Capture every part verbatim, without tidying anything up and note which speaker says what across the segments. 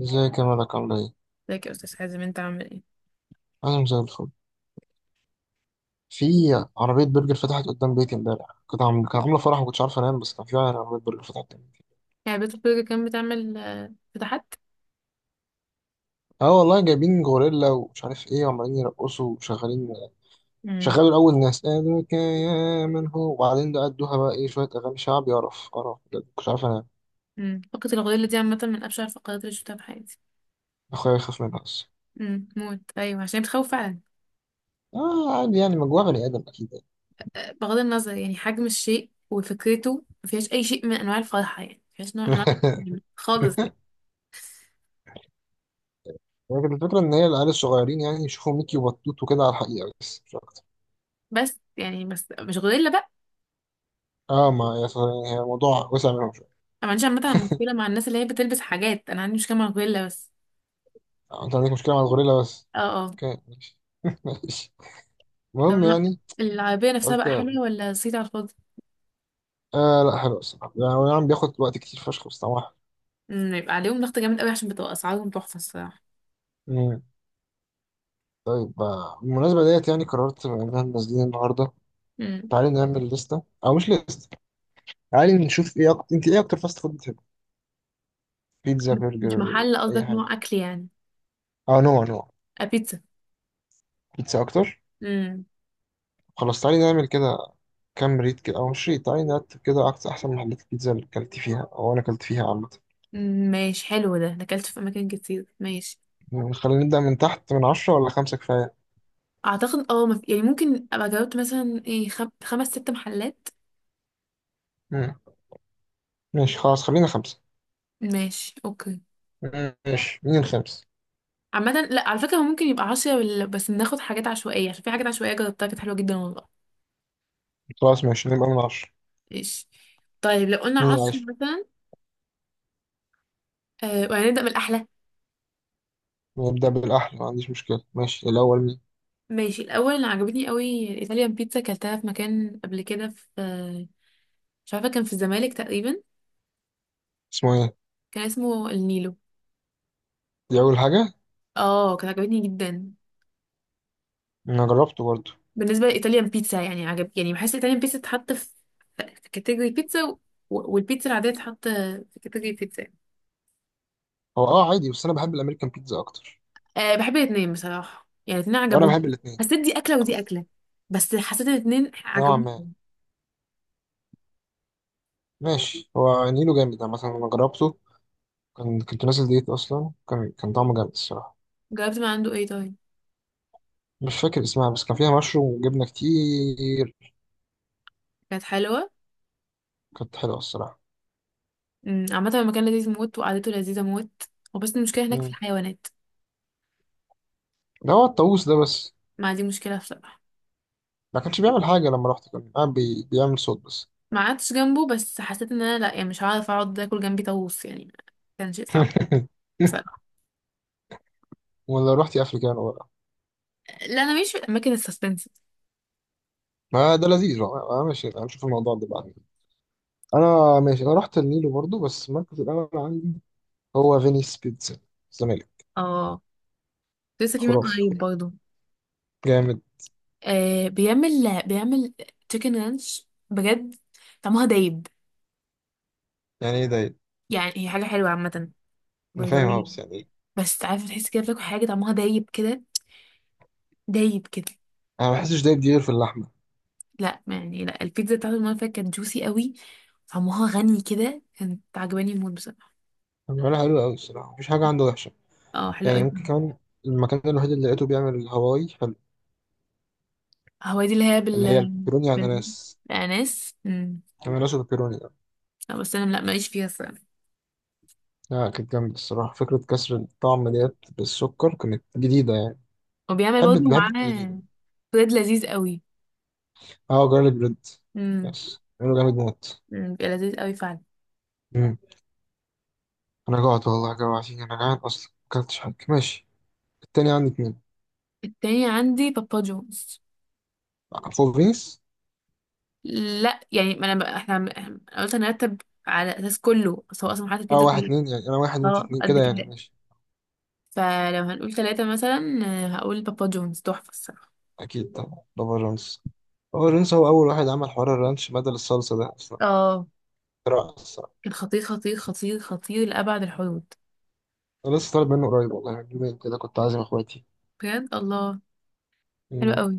Speaker 1: ازيك يا ملك عاملة ايه؟
Speaker 2: ازيك يا استاذ حازم انت عامل ايه؟
Speaker 1: أنا زي الفل في عربية برجر فتحت قدام بيتي امبارح. كنت عم... كان عاملة فرح ومكنتش عارف أنام، بس كان في عربية برجر فتحت قدام بيتي.
Speaker 2: يعني بيت برجر كان بتعمل آه، فتحات.
Speaker 1: اه والله، جايبين غوريلا ومش عارف ايه وعمالين يرقصوا وشغالين.
Speaker 2: امم.
Speaker 1: شغالوا الأول ناس قالك يا من هو، وبعدين ده أدوها بقى ايه شوية أغاني شعبي. قرف قرف بجد، مكنتش عارف أنام.
Speaker 2: امم فقرة الغوريلا دي عامة من أبشع الفقرات اللي شفتها في حياتي.
Speaker 1: أخويا يخاف منها بس.
Speaker 2: امم موت، أيوة عشان بتخوف فعلا.
Speaker 1: اه عادي، يعني مجموعة بني آدم أكيد يعني.
Speaker 2: بغض النظر يعني حجم الشيء وفكرته مفيهاش أي شيء من أنواع الفرحة، يعني مفيهاش نوع من أنواع التحميم خالص يعني.
Speaker 1: لكن الفكرة إن هي العيال الصغيرين يعني يشوفوا ميكي وبطوط وكده على الحقيقة، بس مش أكتر.
Speaker 2: بس يعني بس مش غوريلا بقى.
Speaker 1: اه ما يعني هي الموضوع وسع منهم.
Speaker 2: أنا ما عنديش عامة مشكلة مع الناس اللي هي بتلبس حاجات، أنا عندي مشكلة مع الغوريلا بس.
Speaker 1: آه، انت عندك مشكلة مع الغوريلا بس.
Speaker 2: اه. اه.
Speaker 1: اوكي ماشي. ماشي.
Speaker 2: طب
Speaker 1: المهم يعني.
Speaker 2: العربية نفسها
Speaker 1: قلت
Speaker 2: بقى حلوة ولا صيت على الفاضي؟
Speaker 1: آه لا حلو الصراحة، يعني هو نعم بياخد وقت كتير فشخ، بس طبعا.
Speaker 2: امم يبقى عليهم ضغط جامد قوي عشان بتبقى أسعارهم تحفة الصراحة.
Speaker 1: مم. طيب آه، بالمناسبة ديت يعني قررت بما اننا نازلين النهاردة.
Speaker 2: مم.
Speaker 1: تعالي نعمل لستة او مش لستة. تعالي نشوف ايه أكتر، انت ايه اكتر فاست فود بتحب؟ بيتزا؟
Speaker 2: مش
Speaker 1: برجر؟
Speaker 2: محل
Speaker 1: اي
Speaker 2: قصدك نوع
Speaker 1: حاجة.
Speaker 2: اكل يعني؟
Speaker 1: اه نوع نوع.
Speaker 2: آه، بيتزا.
Speaker 1: بيتزا اكتر.
Speaker 2: امم.
Speaker 1: خلاص تعالي نعمل كده. كام ريت كده او مش ريت، تعالي نرتب كده اكتر احسن محلات البيتزا اللي اكلت فيها او انا اكلت فيها عامة.
Speaker 2: أمم، ماشي حلو ده، انا اكلت في اماكن كتير ماشي.
Speaker 1: خلينا نبدأ من تحت. من عشرة ولا خمسة كفاية؟
Speaker 2: اعتقد اه مف... يعني ممكن ابقى جاوبت مثلا ايه خم... خمس ست محلات.
Speaker 1: مم. ماشي خلاص، خلينا خمسة.
Speaker 2: ماشي اوكي.
Speaker 1: ماشي مين الخامس.
Speaker 2: عامة لا، على فكرة هو ممكن يبقى عشرة ولا- بس ناخد حاجات عشوائية عشان في حاجات عشوائية جربتها كانت حلوة جدا والله.
Speaker 1: خلاص ماشي، نبقى من عشرة.
Speaker 2: ماشي. طيب لو قلنا
Speaker 1: مين
Speaker 2: عشرة
Speaker 1: العاشر؟
Speaker 2: مثلا. آه وهنبدأ من الأحلى.
Speaker 1: نبدأ بالأحلى، ما عنديش مشكلة. ماشي الأول مين؟
Speaker 2: ماشي الأول اللي عجبتني قوي الإيطاليان بيتزا، كلتها في مكان قبل كده في آه، مش عارفة، كان في الزمالك تقريبا.
Speaker 1: اسمه إيه؟
Speaker 2: كان اسمه النيلو.
Speaker 1: دي أول حاجة.
Speaker 2: اه كانت عجبتني جدا.
Speaker 1: أنا جربته برضه.
Speaker 2: بالنسبه لايطاليان بيتزا يعني عجب، يعني بحس الايطاليان بيتزا تتحط في في كاتيجوري بيتزا، و- والبيتزا العاديه تتحط في كاتيجوري بيتزا.
Speaker 1: هو أه عادي، بس أنا بحب الأمريكان بيتزا أكتر.
Speaker 2: أه بحب الاثنين بصراحه، يعني الاثنين
Speaker 1: وأنا
Speaker 2: عجبوني.
Speaker 1: بحب الاتنين،
Speaker 2: حسيت دي اكله ودي
Speaker 1: بس
Speaker 2: اكله، بس حسيت ان الاثنين
Speaker 1: نوعا
Speaker 2: عجبوني.
Speaker 1: ما. ماشي، هو نيله جامد يعني، مثلا أنا جربته. كان كنت نازل ديت أصلا، كان كان طعمه جامد الصراحة.
Speaker 2: جربت من عنده ايه طيب؟
Speaker 1: مش فاكر اسمها، بس كان فيها مشروم وجبنة كتير.
Speaker 2: كانت حلوه.
Speaker 1: كانت حلوة الصراحة.
Speaker 2: أمم، عامه المكان لذيذ موت وقعدته لذيذه موت، وبس المشكله هناك في
Speaker 1: مم.
Speaker 2: الحيوانات.
Speaker 1: ده هو الطاووس ده بس.
Speaker 2: ما دي مشكله بصراحه.
Speaker 1: ما كانش بيعمل حاجة لما رحت، كان قاعد بي... بيعمل صوت بس.
Speaker 2: ما قعدتش جنبه بس حسيت ان انا لا، يعني مش هعرف اقعد اكل جنبي طاووس يعني. كان شيء صعب.
Speaker 1: ولا رحت افريكانو بقى.
Speaker 2: لا، انا مش في الاماكن السسبنس.
Speaker 1: ما ده لذيذ بقى. آه، ماشي هنشوف الموضوع ده بعدين. انا ماشي، انا رحت النيلو برضو، بس المركز الاول عندي هو فينيس بيتزا الزمالك.
Speaker 2: اه، لسه في من
Speaker 1: خرافي
Speaker 2: قريب
Speaker 1: خرافي.
Speaker 2: برضه.
Speaker 1: جامد.
Speaker 2: آه بيعمل بيعمل تشيكن رانش بجد طعمها دايب.
Speaker 1: يعني ايه ده؟
Speaker 2: يعني هي حاجه حلوه عامه،
Speaker 1: انا فاهم اه،
Speaker 2: بيضاويه.
Speaker 1: بس يعني إيه؟
Speaker 2: بس عارفه تحس كده بتاكل حاجه طعمها دايب كده دايب كده.
Speaker 1: انا ما بحسش دايب، دي غير في اللحمه.
Speaker 2: لا يعني لا، البيتزا بتاعته المره اللي فاتت كانت جوسي قوي. طعمها غني كده، كانت عجباني الموت بصراحه.
Speaker 1: هو بيعملها حلو قوي الصراحه، مفيش حاجه عنده وحشه.
Speaker 2: اه، حلوه
Speaker 1: يعني
Speaker 2: قوي.
Speaker 1: ممكن كمان. المكان الوحيد اللي لقيته بيعمل الهواي حلو.
Speaker 2: هو دي اللي هي بال
Speaker 1: اللي هي البيبروني
Speaker 2: بال
Speaker 1: اناناس.
Speaker 2: بالاناناس. أمم.
Speaker 1: اناناس وبيبروني.
Speaker 2: لا بس انا لا، ماليش فيها الصراحه.
Speaker 1: لا كانت جامدة الصراحة، فكرة كسر الطعم ديت بالسكر كانت جديدة يعني.
Speaker 2: وبيعمل
Speaker 1: بحب
Speaker 2: برضه
Speaker 1: بحب التجديد.
Speaker 2: معاه بريد لذيذ قوي.
Speaker 1: اه جارليك بريد.
Speaker 2: مم.
Speaker 1: بس عمله جامد موت.
Speaker 2: مم، بيبقى لذيذ قوي فعلا.
Speaker 1: مم. أنا جوعت والله، جوعتني، أنا جعان أصلا مكلتش حاجة. ماشي، التاني عندي اتنين.
Speaker 2: التاني عندي بابا جونز.
Speaker 1: فور رينجز.
Speaker 2: لا يعني ما انا بقى، احنا عم- انا قلت هنرتب على اساس كله، بس هو اصلا حاطط
Speaker 1: اه
Speaker 2: البيتزا
Speaker 1: واحد
Speaker 2: كلها.
Speaker 1: اتنين يعني، أنا واحد أنت
Speaker 2: اه،
Speaker 1: اتنين
Speaker 2: قد
Speaker 1: كده يعني.
Speaker 2: كده.
Speaker 1: ماشي
Speaker 2: فلو هنقول ثلاثة مثلا، آه، هقول بابا جونز تحفة الصراحة.
Speaker 1: أكيد طبعا، بابا جونز. بابا جونز هو أول واحد عمل حوار الرانش بدل الصلصة ده أصلا.
Speaker 2: اه،
Speaker 1: رائع الصراحة.
Speaker 2: كان خطير خطير خطير خطير لأبعد الحدود.
Speaker 1: أنا لسه طالب منه قريب والله، من يومين كده كنت عازم إخواتي.
Speaker 2: بجد الله. حلو
Speaker 1: مم.
Speaker 2: قوي.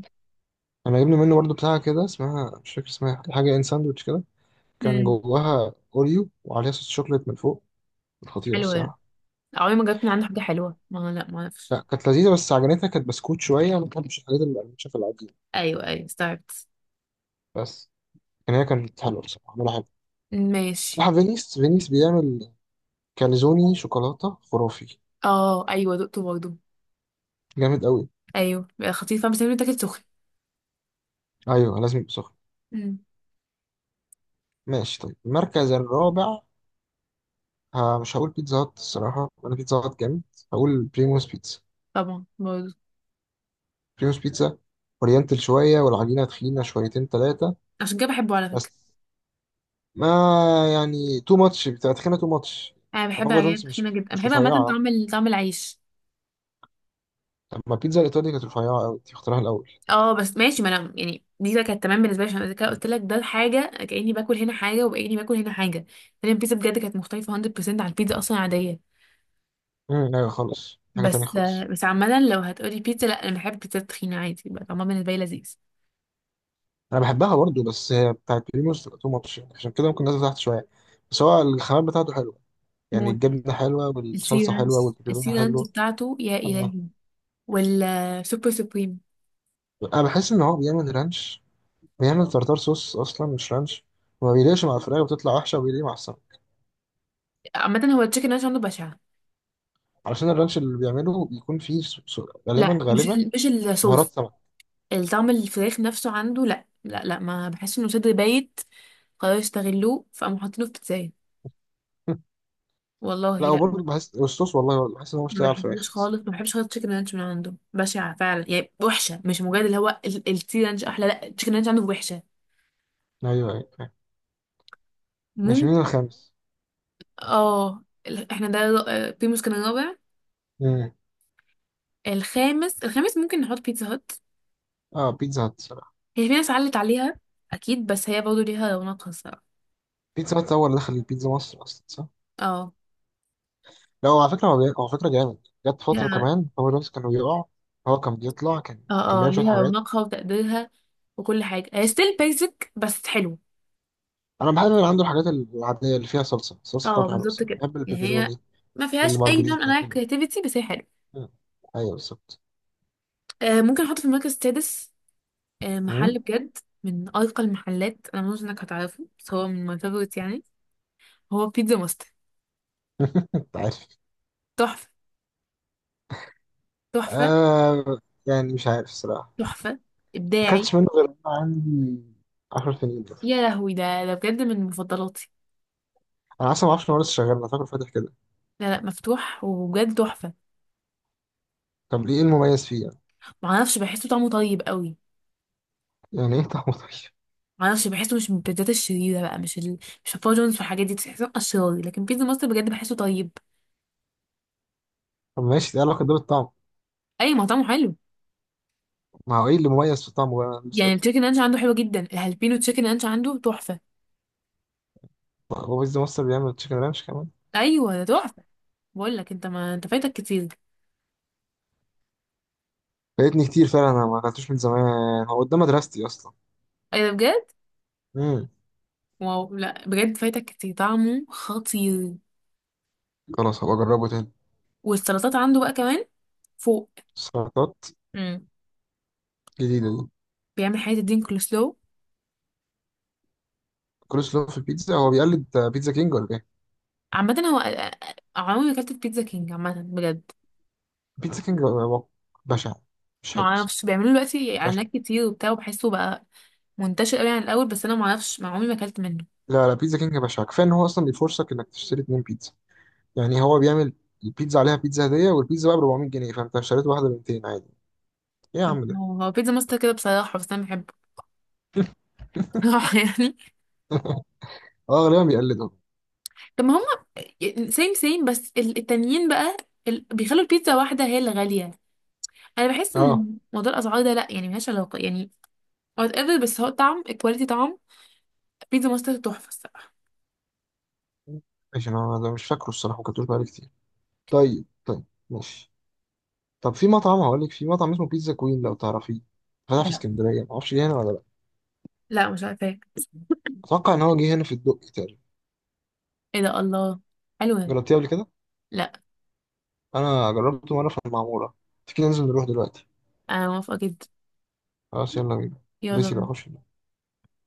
Speaker 1: أنا جبنا منه برضه بتاعة كده، اسمها مش فاكر اسمها، حاجة إن ساندوتش كده. كان
Speaker 2: امم.
Speaker 1: جواها اوريو وعليها صوص شوكليت من فوق. خطيره
Speaker 2: حلو ده.
Speaker 1: الصراحه.
Speaker 2: عمري ما جبت من عنده حاجة حلوة، ما لا ما اعرفش.
Speaker 1: لا كانت لذيذه، بس عجنتها كانت بسكوت شويه، ما بحبش الحاجات المقرمشه في العجين.
Speaker 2: ايوه، ايوه استوعبت.
Speaker 1: بس كان هي كانت حلوه بصراحه، عملها حلو.
Speaker 2: ماشي.
Speaker 1: بصراحه فينيس، فينيس بيعمل كاليزوني شوكولاته خرافي.
Speaker 2: اه ايوه، دقته برضه.
Speaker 1: جامد قوي.
Speaker 2: ايوه بيبقى خطير فاهم، بس لازم يتاكل سخن.
Speaker 1: ايوه لازم يبقى سخن.
Speaker 2: مم.
Speaker 1: ماشي طيب، المركز الرابع. ها، مش هقول بيتزا هات الصراحه، انا بيتزا هات جامد. هقول بريموس بيتزا.
Speaker 2: طبعا برضه.
Speaker 1: بريموس بيتزا اورينتال شويه، والعجينه تخينه شويتين ثلاثه.
Speaker 2: عشان كده بحبه على فكرة.
Speaker 1: بس ما يعني تو ماتش، بتاعت خينا تو ماتش.
Speaker 2: انا بحب
Speaker 1: بابا
Speaker 2: العجينة
Speaker 1: جونز
Speaker 2: التخينة
Speaker 1: مش،
Speaker 2: جدا،
Speaker 1: مش
Speaker 2: بحب عامة
Speaker 1: رفيعة.
Speaker 2: طعم ال- طعم العيش.
Speaker 1: لما البيتزا الإيطالي كانت رفيعة أوي، دي اختراعها الأول.
Speaker 2: اه بس ماشي، ما انا يعني دي بقى كانت تمام بالنسبة لي، عشان أنا كده قلت لك ده حاجة كأني باكل هنا حاجة وكأني باكل هنا حاجة. فانا البيتزا بجد كانت مختلفة مية في المية عن البيتزا اصلا عادية.
Speaker 1: امم أيوة خالص، دي حاجة تانية
Speaker 2: بس آه،
Speaker 1: خالص.
Speaker 2: بس عامة لو هتقولي بيتزا، لا انا بحب البيتزا التخينة عادي بقى طعمها بالنسبة لي لذيذ.
Speaker 1: أنا بحبها برضو، بس هي بتاعت بريموس تبقى تو ماتش يعني، عشان كده ممكن نازل تحت شوية. بس هو الخامات بتاعته حلوة، يعني
Speaker 2: موت.
Speaker 1: الجبنة حلوة
Speaker 2: السي
Speaker 1: والصلصة حلوة
Speaker 2: رانش،
Speaker 1: والبيبروني
Speaker 2: السي رانش
Speaker 1: حلو.
Speaker 2: بتاعته يا
Speaker 1: أنا
Speaker 2: إلهي. والسوبر سوبريم.
Speaker 1: أنا بحس إن هو بيعمل رانش، بيعمل تارتار صوص أصلا مش رانش. وما بيليقش مع الفراخ، بتطلع وحشة، وبيليق مع السمك.
Speaker 2: عامة هو التشيكن رانش عنده بشعة.
Speaker 1: علشان الرانش اللي بيعمله بيكون فيه س- س- غالبا
Speaker 2: لا مش
Speaker 1: غالبا
Speaker 2: ال- مش
Speaker 1: بهارات
Speaker 2: الصوص.
Speaker 1: سمك.
Speaker 2: الطعم، الفراخ نفسه عنده، لا لا لا، ما بحس انه صدر بايت. قرروا يستغلوه فقاموا حاطينه في بيتزاية. والله
Speaker 1: لا
Speaker 2: لا، ما
Speaker 1: وبرضه بحس أسطوس والله، بحس إن هو مش
Speaker 2: ما
Speaker 1: لاقي على الفراخ
Speaker 2: بحبوش
Speaker 1: بس.
Speaker 2: خالص، ما بحبش خالص تشيكن رانش من عنده بشعة فعلا، يعني وحشة، مش مجرد اللي هو ال- التي رانش احلى، لا التشيكن رانش عنده وحشة.
Speaker 1: أيوه أيوه فاهم. ماشي مين
Speaker 2: ممكن.
Speaker 1: الخامس؟
Speaker 2: اه ال- احنا ده الر- آه، بيموس كان الرابع.
Speaker 1: مم.
Speaker 2: الخامس، الخامس ممكن نحط بيتزا هات.
Speaker 1: آه بيتزا هات الصراحة.
Speaker 2: هي في ناس علت عليها اكيد، بس هي برضه ليها رونقها الصراحة.
Speaker 1: بيتزا هات هو اللي دخل البيتزا مصر أصلا صح؟
Speaker 2: اه
Speaker 1: لا هو على فكرة هو، بي- هو على فكرة جامد. جت فترة
Speaker 2: ليها
Speaker 1: كمان هو نفسه كان بيقع. هو كان بيطلع، كان كان
Speaker 2: اه اه
Speaker 1: بيعمل شوية
Speaker 2: ليها
Speaker 1: حاجات.
Speaker 2: رونقها وتقديرها وكل حاجة، هي
Speaker 1: بس
Speaker 2: ستيل بيزك بس حلوة.
Speaker 1: أنا بحب اللي عنده الحاجات العادية اللي فيها صلصة، الصلصة
Speaker 2: اه
Speaker 1: بتاعته حلوة، بس
Speaker 2: بالظبط كده،
Speaker 1: بحب
Speaker 2: يعني هي
Speaker 1: البيبروني.
Speaker 2: ما فيهاش اي نوع من
Speaker 1: المارجريتا
Speaker 2: انواع
Speaker 1: كده.
Speaker 2: الكرياتيفيتي بس هي حلوه.
Speaker 1: مم. أيوه بالظبط.
Speaker 2: آه ممكن احط في المركز السادس. آه
Speaker 1: مم.
Speaker 2: محل بجد، من ارقى المحلات، انا مش انك هتعرفه بس هو من ماي فيفورت يعني. هو بيتزا ماستر.
Speaker 1: أنت عارف؟
Speaker 2: تحفه، تحفه،
Speaker 1: آه، يعني مش عارف الصراحة.
Speaker 2: تحفه.
Speaker 1: ما
Speaker 2: ابداعي.
Speaker 1: أكلتش منه غير وأنا عندي عشر سنين.
Speaker 2: يا لهوي، ده ده بجد من مفضلاتي.
Speaker 1: انا اصلا ما اعرفش ان هو لسه شغال، انا فاكره فاتح كده.
Speaker 2: لا لا، مفتوح وبجد تحفه.
Speaker 1: طب ليه، ايه المميز فيه يعني؟
Speaker 2: معرفش، بحسه طعمه طيب قوي.
Speaker 1: يعني ايه طعمه طيب؟
Speaker 2: معرفش، بحسه مش من البيتزات الشريره بقى، مش ال... مش الفاجونز والحاجات دي تحسه اشرار، لكن بيتزا ماستر بجد بحسه طيب.
Speaker 1: طب ماشي، دي علاقه دور الطعم.
Speaker 2: اي، مطعمه حلو.
Speaker 1: ما هو ايه اللي مميز في طعمه بقى، أنا بسأل.
Speaker 2: يعني التشيكن رانش عنده حلو جدا، الهالبينو تشيكن رانش عنده تحفة.
Speaker 1: هو بيز مصر بيعمل تشيكن رانش كمان.
Speaker 2: ايوه ده تحفة. بقول لك انت، ما انت فايتك كتير.
Speaker 1: فايتني كتير فعلا، انا ما اكلتوش من زمان. هو قدام مدرستي اصلا.
Speaker 2: ايه ده بجد؟
Speaker 1: امم.
Speaker 2: واو، لا بجد فايتك كتير، طعمه خطير.
Speaker 1: خلاص هبقى اجربه تاني.
Speaker 2: والسلطات عنده بقى كمان فوق.
Speaker 1: سلطات؟
Speaker 2: امم.
Speaker 1: جديده دي.
Speaker 2: بيعمل حاجة الدين كولسلو.
Speaker 1: كول سلو في البيتزا؟ هو بيقلد بيتزا كينج ولا ايه؟
Speaker 2: عامة هو أ- أ- عمري ما اكلت في بيتزا كينج عامة بجد.
Speaker 1: بيتزا كينج هو بشع. مش
Speaker 2: ما
Speaker 1: حلو بس.
Speaker 2: اعرفش، بيعملوا دلوقتي
Speaker 1: بشع.
Speaker 2: اعلانات كتير وبتاع، وبحسه بقى منتشر قوي عن الاول، بس انا ما اعرفش، ما عمري ما اكلت منه.
Speaker 1: لا لا، بيتزا كينج بشع. كفايه ان هو اصلا بيفرصك انك تشتري اتنين بيتزا. يعني هو بيعمل البيتزا عليها بيتزا هدية، والبيتزا بقى ب أربعمائة جنيه، فأنت اشتريت واحدة ب مئتين عادي. إيه يا عم ده؟
Speaker 2: هو بيتزا ماستر كده بصراحة، بس انا بحبه يعني.
Speaker 1: أه غالبا بيقلدهم.
Speaker 2: طب ما هم سيم سيم، بس ال- التانيين بقى ال... بيخلوا البيتزا واحدة هي اللي غالية. انا بحس
Speaker 1: أه
Speaker 2: ان موضوع الاسعار ده لا، يعني ملهاش علاقة يعني. وات ايفر، بس هو الطعم، الكواليتي طعم. بيتزا ماستر تحفة الصراحة.
Speaker 1: ماشي. أنا أنا مش فاكره الصراحة، ما كنتوش بقالي كتير. طيب طيب. ماشي. طب في مطعم، هقول لك في مطعم اسمه بيتزا كوين لو تعرفيه. فتح في
Speaker 2: لا
Speaker 1: اسكندرية، معرفش جه هنا ولا لأ.
Speaker 2: لا، مش عارفة ايه.
Speaker 1: أتوقع إن هو جه هنا في الدقي تقريبا.
Speaker 2: إيه ده، الله حلوة.
Speaker 1: جربتيه قبل كده؟
Speaker 2: لا،
Speaker 1: أنا جربته مرة في المعمورة. تيجي ننزل نروح دلوقتي؟
Speaker 2: انا موافقة جدا.
Speaker 1: خلاص يلا بينا.
Speaker 2: يلا
Speaker 1: بس يبقى
Speaker 2: بينا.
Speaker 1: خش.